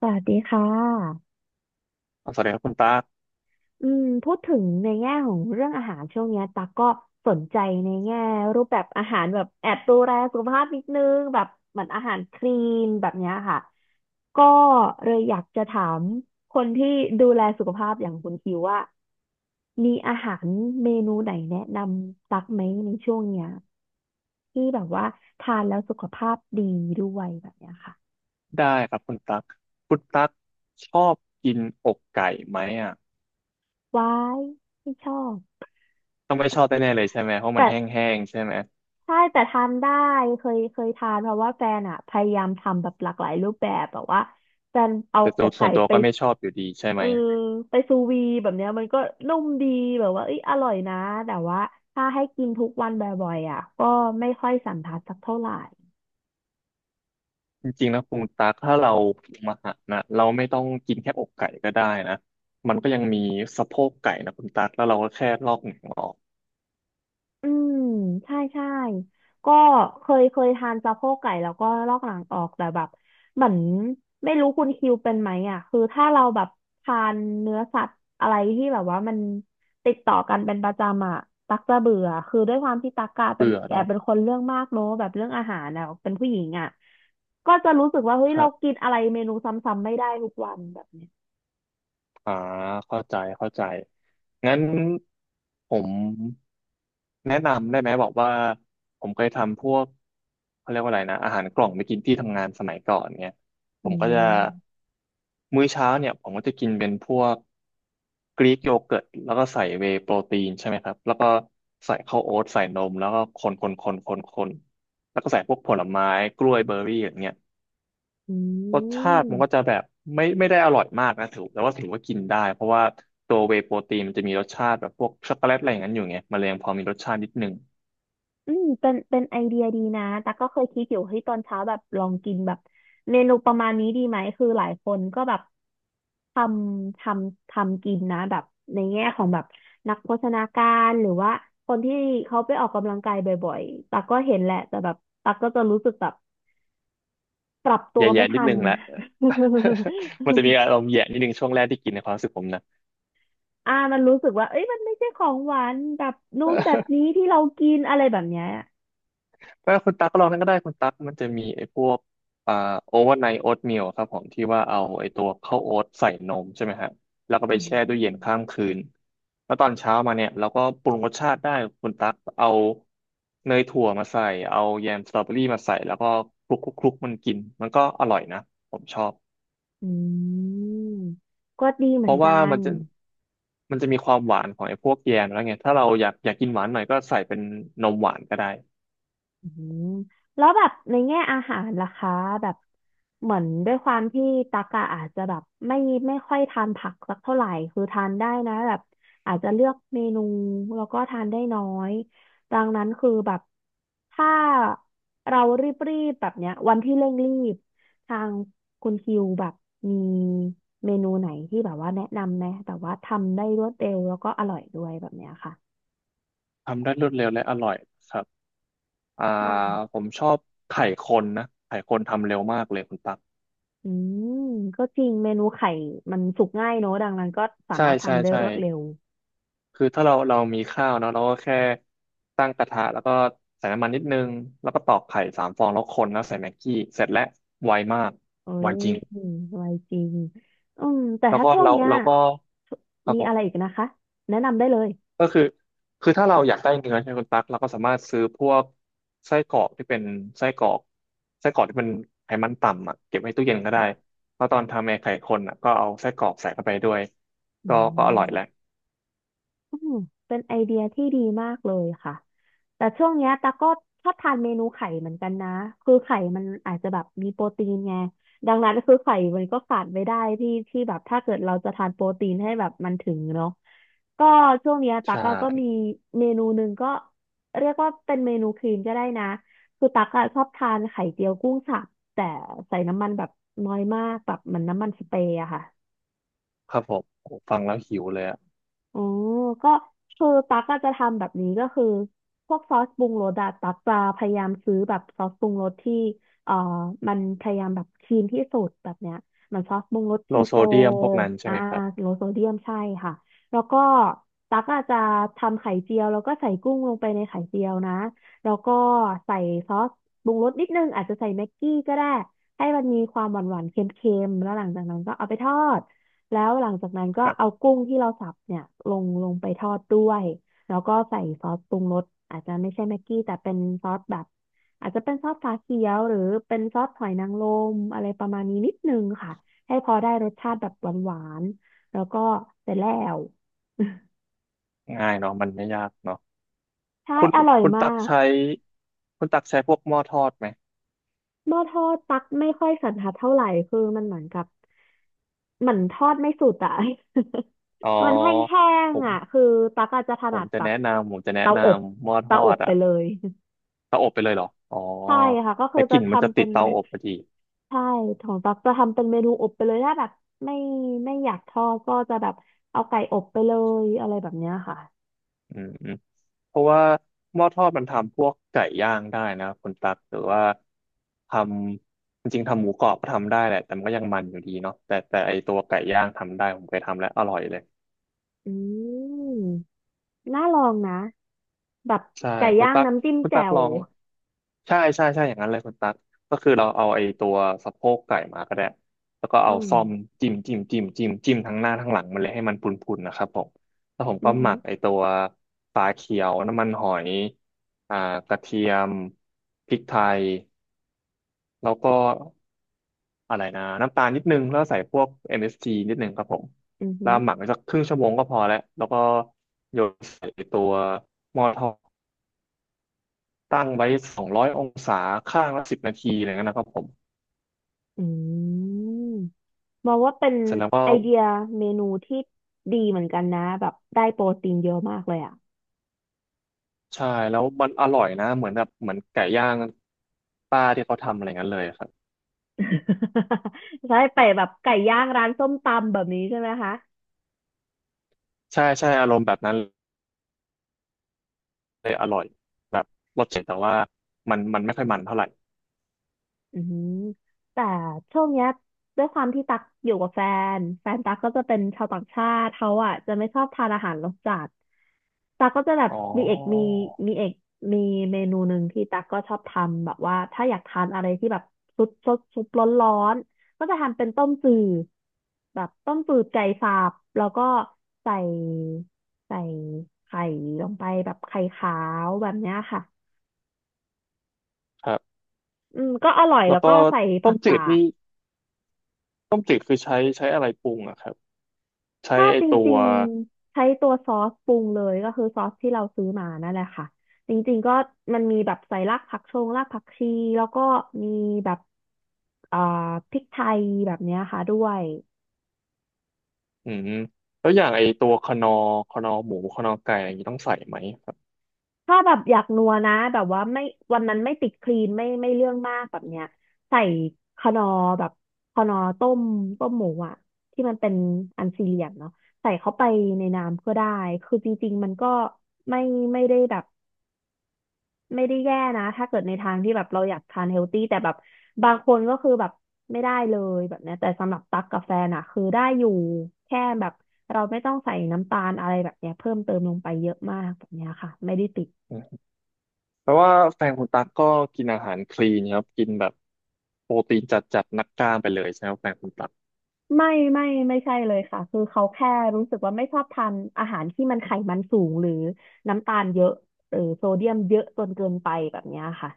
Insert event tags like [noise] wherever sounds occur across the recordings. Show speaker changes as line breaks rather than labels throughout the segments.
สวัสดีค่ะ
อ๋อสวัสดีครับคุณตั๊ก
พูดถึงในแง่ของเรื่องอาหารช่วงเนี้ยตักก็สนใจในแง่รูปแบบอาหารแบบแอบดูแลสุขภาพนิดนึงแบบเหมือนอาหารคลีนแบบเนี้ยค่ะก็เลยอยากจะถามคนที่ดูแลสุขภาพอย่างคุณคิวว่ามีอาหารเมนูไหนแนะนำตักไหมในช่วงเนี้ยที่แบบว่าทานแล้วสุขภาพดีด้วยแบบเนี้ยค่ะ
ได้ครับคุณตั๊กคุณตั๊กชอบกินอกไก่ไหมอ่ะ
ว้ายไม่ชอบ
ต้องไม่ชอบแน่ๆเลยใช่ไหมเพราะมันแห้งๆใช่ไหม
ใช่แต่ทานได้เคยทานเพราะว่าแฟนอ่ะพยายามทำแบบหลากหลายรูปแบบแบบว่าแฟนเอา
แต่
อ
ตัว
ก
ส่
ไก่
วนตัว
ไป
ก็ไม่ชอบอยู่ดีใช่
เอ
ไหม
อไปซูวีแบบเนี้ยมันก็นุ่มดีแบบว่าเอ้ยอร่อยนะแต่ว่าถ้าให้กินทุกวันบ่อยๆอ่ะก็ไม่ค่อยสันทัดสักเท่าไหร่
จริงๆนะคุณตั๊กถ้าเราปรุงอาหารนะเราไม่ต้องกินแค่อกไก่ก็ได้นะมันก็ยังมีสะโพกไก่นะคุณตั๊กแล้วเราก็แค่ลอกหนังออก
อืมใช่ใช่ก็เคยทานสะโพกไก่แล้วก็ลอกหลังออกแต่แบบเหมือนไม่รู้คุณคิวเป็นไหมอ่ะคือถ้าเราแบบทานเนื้อสัตว์อะไรที่แบบว่ามันติดต่อกันเป็นประจำอ่ะตักจะเบื่อคือด้วยความที่ตักกะ
เป
เป็
ลื
น
อก
แอบ
เนาะ
เป็นคนเรื่องมากเนอะแบบเรื่องอาหารอ่ะเป็นผู้หญิงอ่ะก็จะรู้สึกว่าเฮ้ยเรากินอะไรเมนูซ้ำๆไม่ได้ทุกวันแบบเนี้ย
อ่าเข้าใจเข้าใจงั้นผมแนะนำได้ไหมบอกว่าผมเคยทำพวกเขาเรียกว่าอะไรนะอาหารกล่องไปกินที่ทำงานสมัยก่อนเนี่ยผ
อื
มก็จะ
ม
มื้อเช้าเนี่ยผมก็จะกินเป็นพวกกรีกโยเกิร์ตแล้วก็ใส่เวย์โปรตีนใช่ไหมครับแล้วก็ใส่ข้าวโอ๊ตใส่นมแล้วก็คนแล้วก็ใส่พวกผลไม้กล้วยเบอร์รี่อย่างเงี้ย
อื
รสชาติมันก็
ม
จะแบบไม่ได้อร่อยมากนะถือแต่ว่าถือว่ากินได้เพราะว่าตัวเวย์โปรตีนมันจะมีรสชาติแบบพวกช็อกโกแลตอะไรอย่างนั้นอยู่ไงมันเลยยังพอมีรสชาตินิดนึง
อืมเป็นไอเดียดีนะแต่กก็เคยคิดอยู่เฮ้ยตอนเช้าแบบลองกินแบบเมนูประมาณนี้ดีไหมคือหลายคนก็แบบทำททำกินนะแบบในแง่ของแบบนักโภชนาการหรือว่าคนที่เขาไปออกกำลังกายบ่อยๆตักก็เห็นแหละแต่แบบตักก็จะรู้สึกแบบปรับตัว
แย่
ไม่
ๆนิ
ทั
ด
น
นึงแหละ
[laughs]
[laughs] มันจะมีอารมณ์แย่นิดนึงช่วงแรกที่กินในความรู้สึกผมนะ
อ่ามันรู้สึกว่าเอ้ยมันไม่ใช่ของหวานแบบนู้นแบบนี้ที่เรากินอะไรแบบเนี้ย
ถ้าคุณตั๊กก็ลองนั่นก็ได้คุณตั๊กมันจะมีไอ้พวกอ่าโอเวอร์ไนท์โอ๊ตมลครับผมที่ว่าเอาไอ้ตัวข้าวโอ๊ตใส่นมใช่ไหมฮะแล้วก็ไป
อื
แช่ตู้เย็นข้า
ม
มคืนแล้วตอนเช้ามาเนี่ยเราก็ปรุงรสชาติได้คุณตั๊กเอาเนยถั่วมาใส่เอาแยมสตรอเบอรี่มาใส่แล้วก็คลุกมันกินมันก็อร่อยนะผมชอบ
อืมก็ดีเห
เพ
มือน
ราะ
กั
ว่า
น
มันจะมีความหวานของไอ้พวกแยมแล้วไงถ้าเราอยากกินหวานหน่อยก็ใส่เป็นนมหวานก็ได้
อืมแล้วแบบในแง่อาหารล่ะคะแบบเหมือนด้วยความที่ตักอะอาจจะแบบไม่ไม่ค่อยทานผักสักเท่าไหร่คือทานได้นะแบบอาจจะเลือกเมนูแล้วก็ทานได้น้อยดังนั้นคือแบบถ้าเรารีบๆแบบเนี้ยวันที่เร่งรีบทางคุณคิวแบบมีเมนูไหนที่แบบว่าแนะนำไหมแต่ว่าทำได้รวดเร็วแล้วก็อร่อยด้วยแบบเนี้ยค่ะ
ทำได้รวดเร็วและอร่อยครับ อ่า
ค่ะ
ผมชอบไข่คนนะไข่คนทำเร็วมากเลยคุณตั๊ก
อืมก็จริงเมนูไข่มันสุกง่ายเนอะ ดังนั้นก็สา
ใช่
มารถ
ใช่
ทำได้
ใช่
รวดเร็ว
คือถ้าเรามีข้าวเนาะเราก็แค่ตั้งกระทะแล้วก็ใส่น้ำมันนิดนึงแล้วก็ตอกไข่3 ฟองแล้วคนแล้วใส่แม็กกี้เสร็จแล้วไวมาก
เอ้
ไว
ย
จริง
ไวจริงอืมแต่
แล้ว
ถ้า
ก็
ช่วง
เรา
เนี้ย
เราก็ครับ
มี
ผ
อะ
ม
ไรอีกนะคะ แนะนำได้เลย
ก็คือคือถ้าเราอยากได้เนื้อใช่ไหมคุณตั๊กเราก็สามารถซื้อพวกไส้กรอกที่เป็นไส้กรอกไส้กรอกที่เป็นไขมันต่ำอ่ะเก็บไว้ตู้เย็นก็ได้แล้วตอนทำแอร์ไข่คนอ่ะก็เอาไส้กรอกใส่เข้าไปด้วย
อื
ก็อร่
ม
อยแหละ
อืมเป็นไอเดียที่ดีมากเลยค่ะ แต่ช่วงเนี้ยตาก็ชอบทานเมนูไข่เหมือนกันนะ คือไข่มันอาจจะแบบมีโปรตีนไงดังนั้นคือไข่มันก็ขาดไม่ได้ที่แบบถ้าเกิดเราจะทานโปรตีนให้แบบมันถึงเนาะก็ช่วงเนี้ยตา
ใช่
ก็มีเมนูหนึ่งก็เรียกว่าเป็นเมนูครีมก็ได้นะคือตักอะชอบทานไข่เจียวกุ้งสับแต่ใส่น้ำมันแบบน้อยมากแบบเหมือนน้ำมันสเปรย์อะค่ะ
ครับผมโอ้ฟังแล้วหิวเลยอะ
อ๋อก็คือตั๊กก็จะทำแบบนี้ก็คือพวกซอสปรุงรสอะตั๊กจะพยายามซื้อแบบซอสปรุงรสที่เอ่อมันพยายามแบบคลีนที่สุดแบบเนี้ยเหมันซอสปรุงรส
โล
คี
โซ
โต
เดียมพวกนั้นใช่
อ่า
ไหมครับ
โลโซเดียมใช่ค่ะแล้วก็ตั๊กอาจจะทำไข่เจียวแล้วก็ใส่กุ้งลงไปในไข่เจียวนะแล้วก็ใส่ซอสปรุงรสนิดนึงอาจจะใส่แม็กกี้ก็ได้ให้มันมีความหวานๆเค็มๆแล้วหลังจากนั้นก็เอาไปทอด แล้วหลังจากนั้นก็
ครั
เอา
บ
กุ้งที่เราสับเนี่ยลงไปทอดด้วยแล้วก็ใส่ซอสปรุงรสอาจจะไม่ใช่แม็กกี้แต่เป็นซอสแบบอาจจะเป็นซอสฝาเขียวหรือเป็นซอสหอยนางรมอะไรประมาณนี้นิดนึงค่ะให้พอได้รสชาติแบบหวานๆแล้วก็เสร็จแล้ว
ง่ายเนาะมันไม่ยากเนาะ
[laughs] ใช่
คุณ
อร่อย
คุณ
มา
ตัก
ก
ใช้คุณตักใช้พวกหม้อทอดไหม
หม้อทอดตักไม่ค่อยสันทัดเท่าไหร่คือมันเหมือนกับเหมือนทอดไม่สุดอะ
อ๋อ
[laughs] มันแห้ง
ผ
ๆ
ม
อ่ะคือตักอาจจะถ
ผ
นั
ม
ด
จะ
แบบ
แนะนำผมจะแนะ
เตา
น
อบ
ำหม้อท
เตา
อ
อ
ด
บไป
อ่ะ
เลย
เตาอบไปเลยเหรออ๋อ
ใช่ค่ะก็คื
แต่
อ
ก
จะ
ลิ่นมันจะ
ทำ
ติ
เป็
ด
น
เตาอบพอดี
ใช่ของตักจะทำเป็นเมนูอบไปเลยถ้าแบบไม่ไม่อยากทอดก็จะแบบเอาไก่อบไปเลยอะไรแบบเนี้ยค่ะ
อืมอืมเพราะว่าหม้อทอดมันทำพวกไก่ย่างได้นะคุณตักหรือว่าทำจริงๆทำหมูกรอบก็ทำได้แหละ แต่มันก็ยังมันอยู่ดีเนาะแต่ไอตัวไก่ย่างทำได้ ผมเคยทำแล้วอร่อยเลย
อืมน่าลองนะแบบ
ใช่
ไก่
คุณ
ย่าง
ตั๊ก
น้ำจิ้ม
คุณ
แจ่
ตั๊กล
ว
องใช่ใช่ใช่อย่างนั้นเลยคุณตั๊กก็คือเราเอาไอ้ตัวสะโพกไก่มาก็ได้แล้วก็
อื
เอา
ม
ซ่อมจิ้มทั้งหน้าทั้งหลังมันเลยให้มันพุนๆนะครับผมแล้วผม
อื
ก็
อ
ห
หื
มั
อ
กไอ้ตัวปลาเขียวน้ำมันหอยอ่ากระเทียมพริกไทยแล้วก็อะไรนะน้ำตาลนิดนึงแล้วใส่พวกเอ็มเอส s g นิดนึงครับผม
อือหื
แล้ว
อ
หมักไว้สักครึ่งชั่วโมงก็พอแล้วแล้วก็โยนใส่ไอ้ตัวหม้อทอด ตั้งไว้200 องศาข้างละ10 นาทีอะไรเงี้ยนะครับผม
อืมมองว่าเป็น
เสร็จแล้วก็
ไอเดียเมนูที่ดีเหมือนกันนะแบบได้โปรตีนเยอะมากเลยอ่ะ
ใช่แล้วมันอร่อยนะเหมือนแบบเหมือนไก่ย่างป้าที่เขาทำอะไรเงี้ยเลยครับ
[laughs] ใช่ไปแบบไก่ย่างร้านส้มตำแบบนี้ใช่ไหมคะ
ใช่ใช่อารมณ์แบบนั้นเลยอร่อยแบบรสเจ็ดแต่ว่ามันไม่ค่อยมันเท่าไหร่
อืมแต่ช่วงเนี้ยด้วยความที่ตักอยู่กับแฟนแฟนตักก็จะเป็นชาวต่างชาติเขาอ่ะจะไม่ชอบทานอาหารรสจัดตักก็จะแบบ
อ๋อ
มีเอกมีมีเอกมีเมนูหนึ่งที่ตักก็ชอบทำแบบว่าถ้าอยากทานอะไรที่แบบซุปร้อนร้อนก็จะทำเป็นต้มจืดแบบต้มจืดไก่สับแล้วก็ใส่ใส่ไข่ลงไปแบบไข่ขาวแบบเนี้ยค่ะ
ครับ
อืมก็อร่อย
แล้
แล้
ว
ว
ก็
ก็ใส่
ต้
ผั
ม
ก
จื
กา
ด
ด
นี่ต้มจืดคือใช้อะไรปรุงอะครับใช้
ถ้า
ไอ
จ
ตัว
ริงๆใช้ตัวซอสปรุงเลยก็คือซอสที่เราซื้อมานั่นแหละค่ะจริงๆก็มันมีแบบใส่รากผักชงรากผักชีแล้วก็มีแบบเอ่อพริกไทยแบบเนี้ยค่ะด้วย
อืมแล้วอย่างไอตัวคนอร์หมูคนอร์ไก่อะไรอย่างนี้ต้องใส่ไหมครับ
ถ้าแบบอยากนัวนะแบบว่าไม่วันนั้นไม่ติดคลีนไม่เรื่องมากแบบเนี้ยใส่คนอร์แบบคนอร์ต้มหมูอ่ะที่มันเป็นอันสี่เหลี่ยมเนาะใส่เข้าไปในน้ำก็ได้คือจริงๆมันก็ไม่ไม่ได้แบบ ไม่ได้แย่นะถ้าเกิดในทางที่แบบเราอยากทานเฮลตี้แต่แบบบางคนก็คือแบบไม่ได้เลยแบบเนี้ยแต่สำหรับตั๊กกาแฟนอะคือได้อยู่แค่แบบเราไม่ต้องใส่น้ำตาลอะไรแบบเนี้ยเพิ่มเติมลงไปเยอะมากแบบเนี้ยค่ะไม่ได้ติด
แปลว่าแฟนคุณตั๊กก็กินอาหารคลีนครับกินแบบโปรตีนจัดนักกล้ามไปเลยใช่ไหมครับแฟนคุณตั๊ก
ไม่ไม่ใช่เลยค่ะคือเขาแค่รู้สึกว่าไม่ชอบทานอาหารที่มันไขมันสูงหรือน้ำตาลเยอะหรือโซเดียมเยอะจนเกินไปแบบเนี้ยค่ะ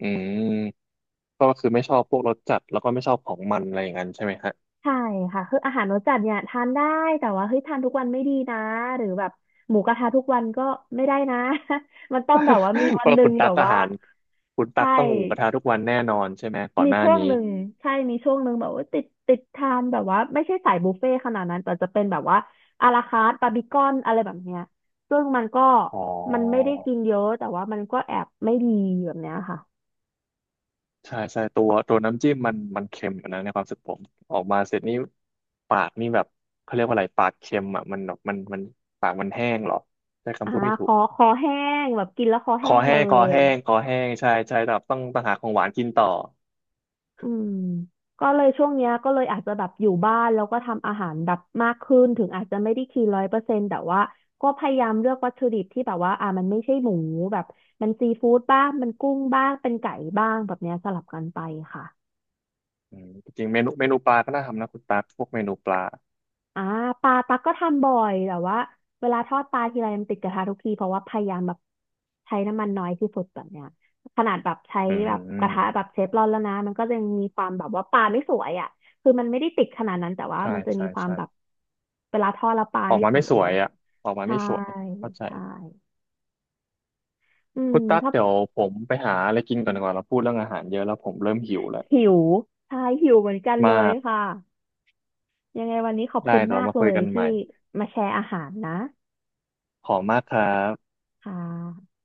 อืมก็คือไม่ชอบพวกรสจัดแล้วก็ไม่ชอบของมันอะไรอย่างนั้นใช่ไหมฮะ
ใช่ค่ะคืออาหารรสจัดเนี่ยทานได้แต่ว่าเฮ้ยทานทุกวันไม่ดีนะหรือแบบหมูกระทะทุกวันก็ไม่ได้นะ [laughs] มันต้องแบบว่ามี
[laughs] เพ
วัน
ราะ
ห
ว่า
นึ่
คุ
ง
ณ
แบ
ตั๊ก
บ
อา
ว่า
หารคุณ
ใช่
ตั๊กต้องหมูกระทะทุกวันแน่นอนใช่ไหมก่อน
มี
หน้า
ช่วง
นี้
หนึ่งใช่มีช่วงหนึ่งแบบว่าติดทานแบบว่าไม่ใช่สายบุฟเฟ่ต์ขนาดนั้นแต่จะเป็นแบบว่าอาราคาร์ตบาร์บีคอนอะไรแบบเนี้ยซึ่งมันก็
อ๋อ
มันไม่ได้กินเยอะแต่ว่ามันก็แอบไม่ดีแบบเนี้ยค่ะ
ใช่ใช่ตัวน้ำจิ้มมันเค็มอยนะในความรู้สึกผมออกมาเสร็จนี่ปากนี่แบบเขาเรียกว่าอะไรปากเค็มอ่ะมันแบบมันปากมันแห้งเหรอใช้
อ่า
คำพูดไม่
ค
ถูก
อคอแห้งแบบกินแล้วคอ
ค
แห้
อ
งเล
แห้งคอ
ย
แห้งคอแห้งใช่ใช่แต่ต้องหาของหวานกินต่อ
อืมก็เลยช่วงเนี้ยก็เลยอาจจะแบบอยู่บ้านแล้วก็ทำอาหารแบบมากขึ้นถึงอาจจะไม่ได้คีน100%แต่ว่าก็พยายามเลือกวัตถุดิบที่แบบว่าอ่ามันไม่ใช่หมูแบบมันซีฟู้ดบ้างมันกุ้งบ้างเป็นไก่บ้างแบบเนี้ยสลับกันไปค่ะ
อืมจริงๆเมนูปลาก็น่าทำนะคุณตั๊กพวกเมนูปลา
อ่าปลาตักก็ทำบ่อยแต่ว่าเวลาทอดปลาทีไรมันติดกระทะทุกทีเพราะว่าพยายามแบบใช้น้ำมันน้อยที่สุดแบบเนี้ยขนาดแบบใช้
อื
แบบกระทะแบ
ม
บเชฟร้อนแล้วนะมันก็ยังมีความแบบว่าปลาไม่สวยอ่ะคือมันไม่ได้ติดขนาดนั้นแต่ว่า
ใช่
มันจะมี
ใช่
ความ
ใช่
แบบเวลาทอดแล้วปลา
ออก
ไม่
มา
ส
ไม่
ว
ส
ย
วยอ่ะออกมา
ใช่
ไม่สวยเข้าใจ
ใช่อืม
คุณตั๊ก
ถ้า
เดี๋ยวผมไปหาอะไรกินก่อนดีกว่าเราพูดเรื่องอาหารเยอะแล้วผมเริ่มหิวแล้ว
หิวใช่หิวเหมือนกัน
มา
เลย
ก
ค่ะยังไงวันนี้ขอบคุ
ได้
ณ
เดี๋ยว
มา
เรา
ก
มา
เล
คุย
ย
กันให
ที่
ม่
มาแชร์อาหารนะ
ขอบคุณมากครับ
ค่ะ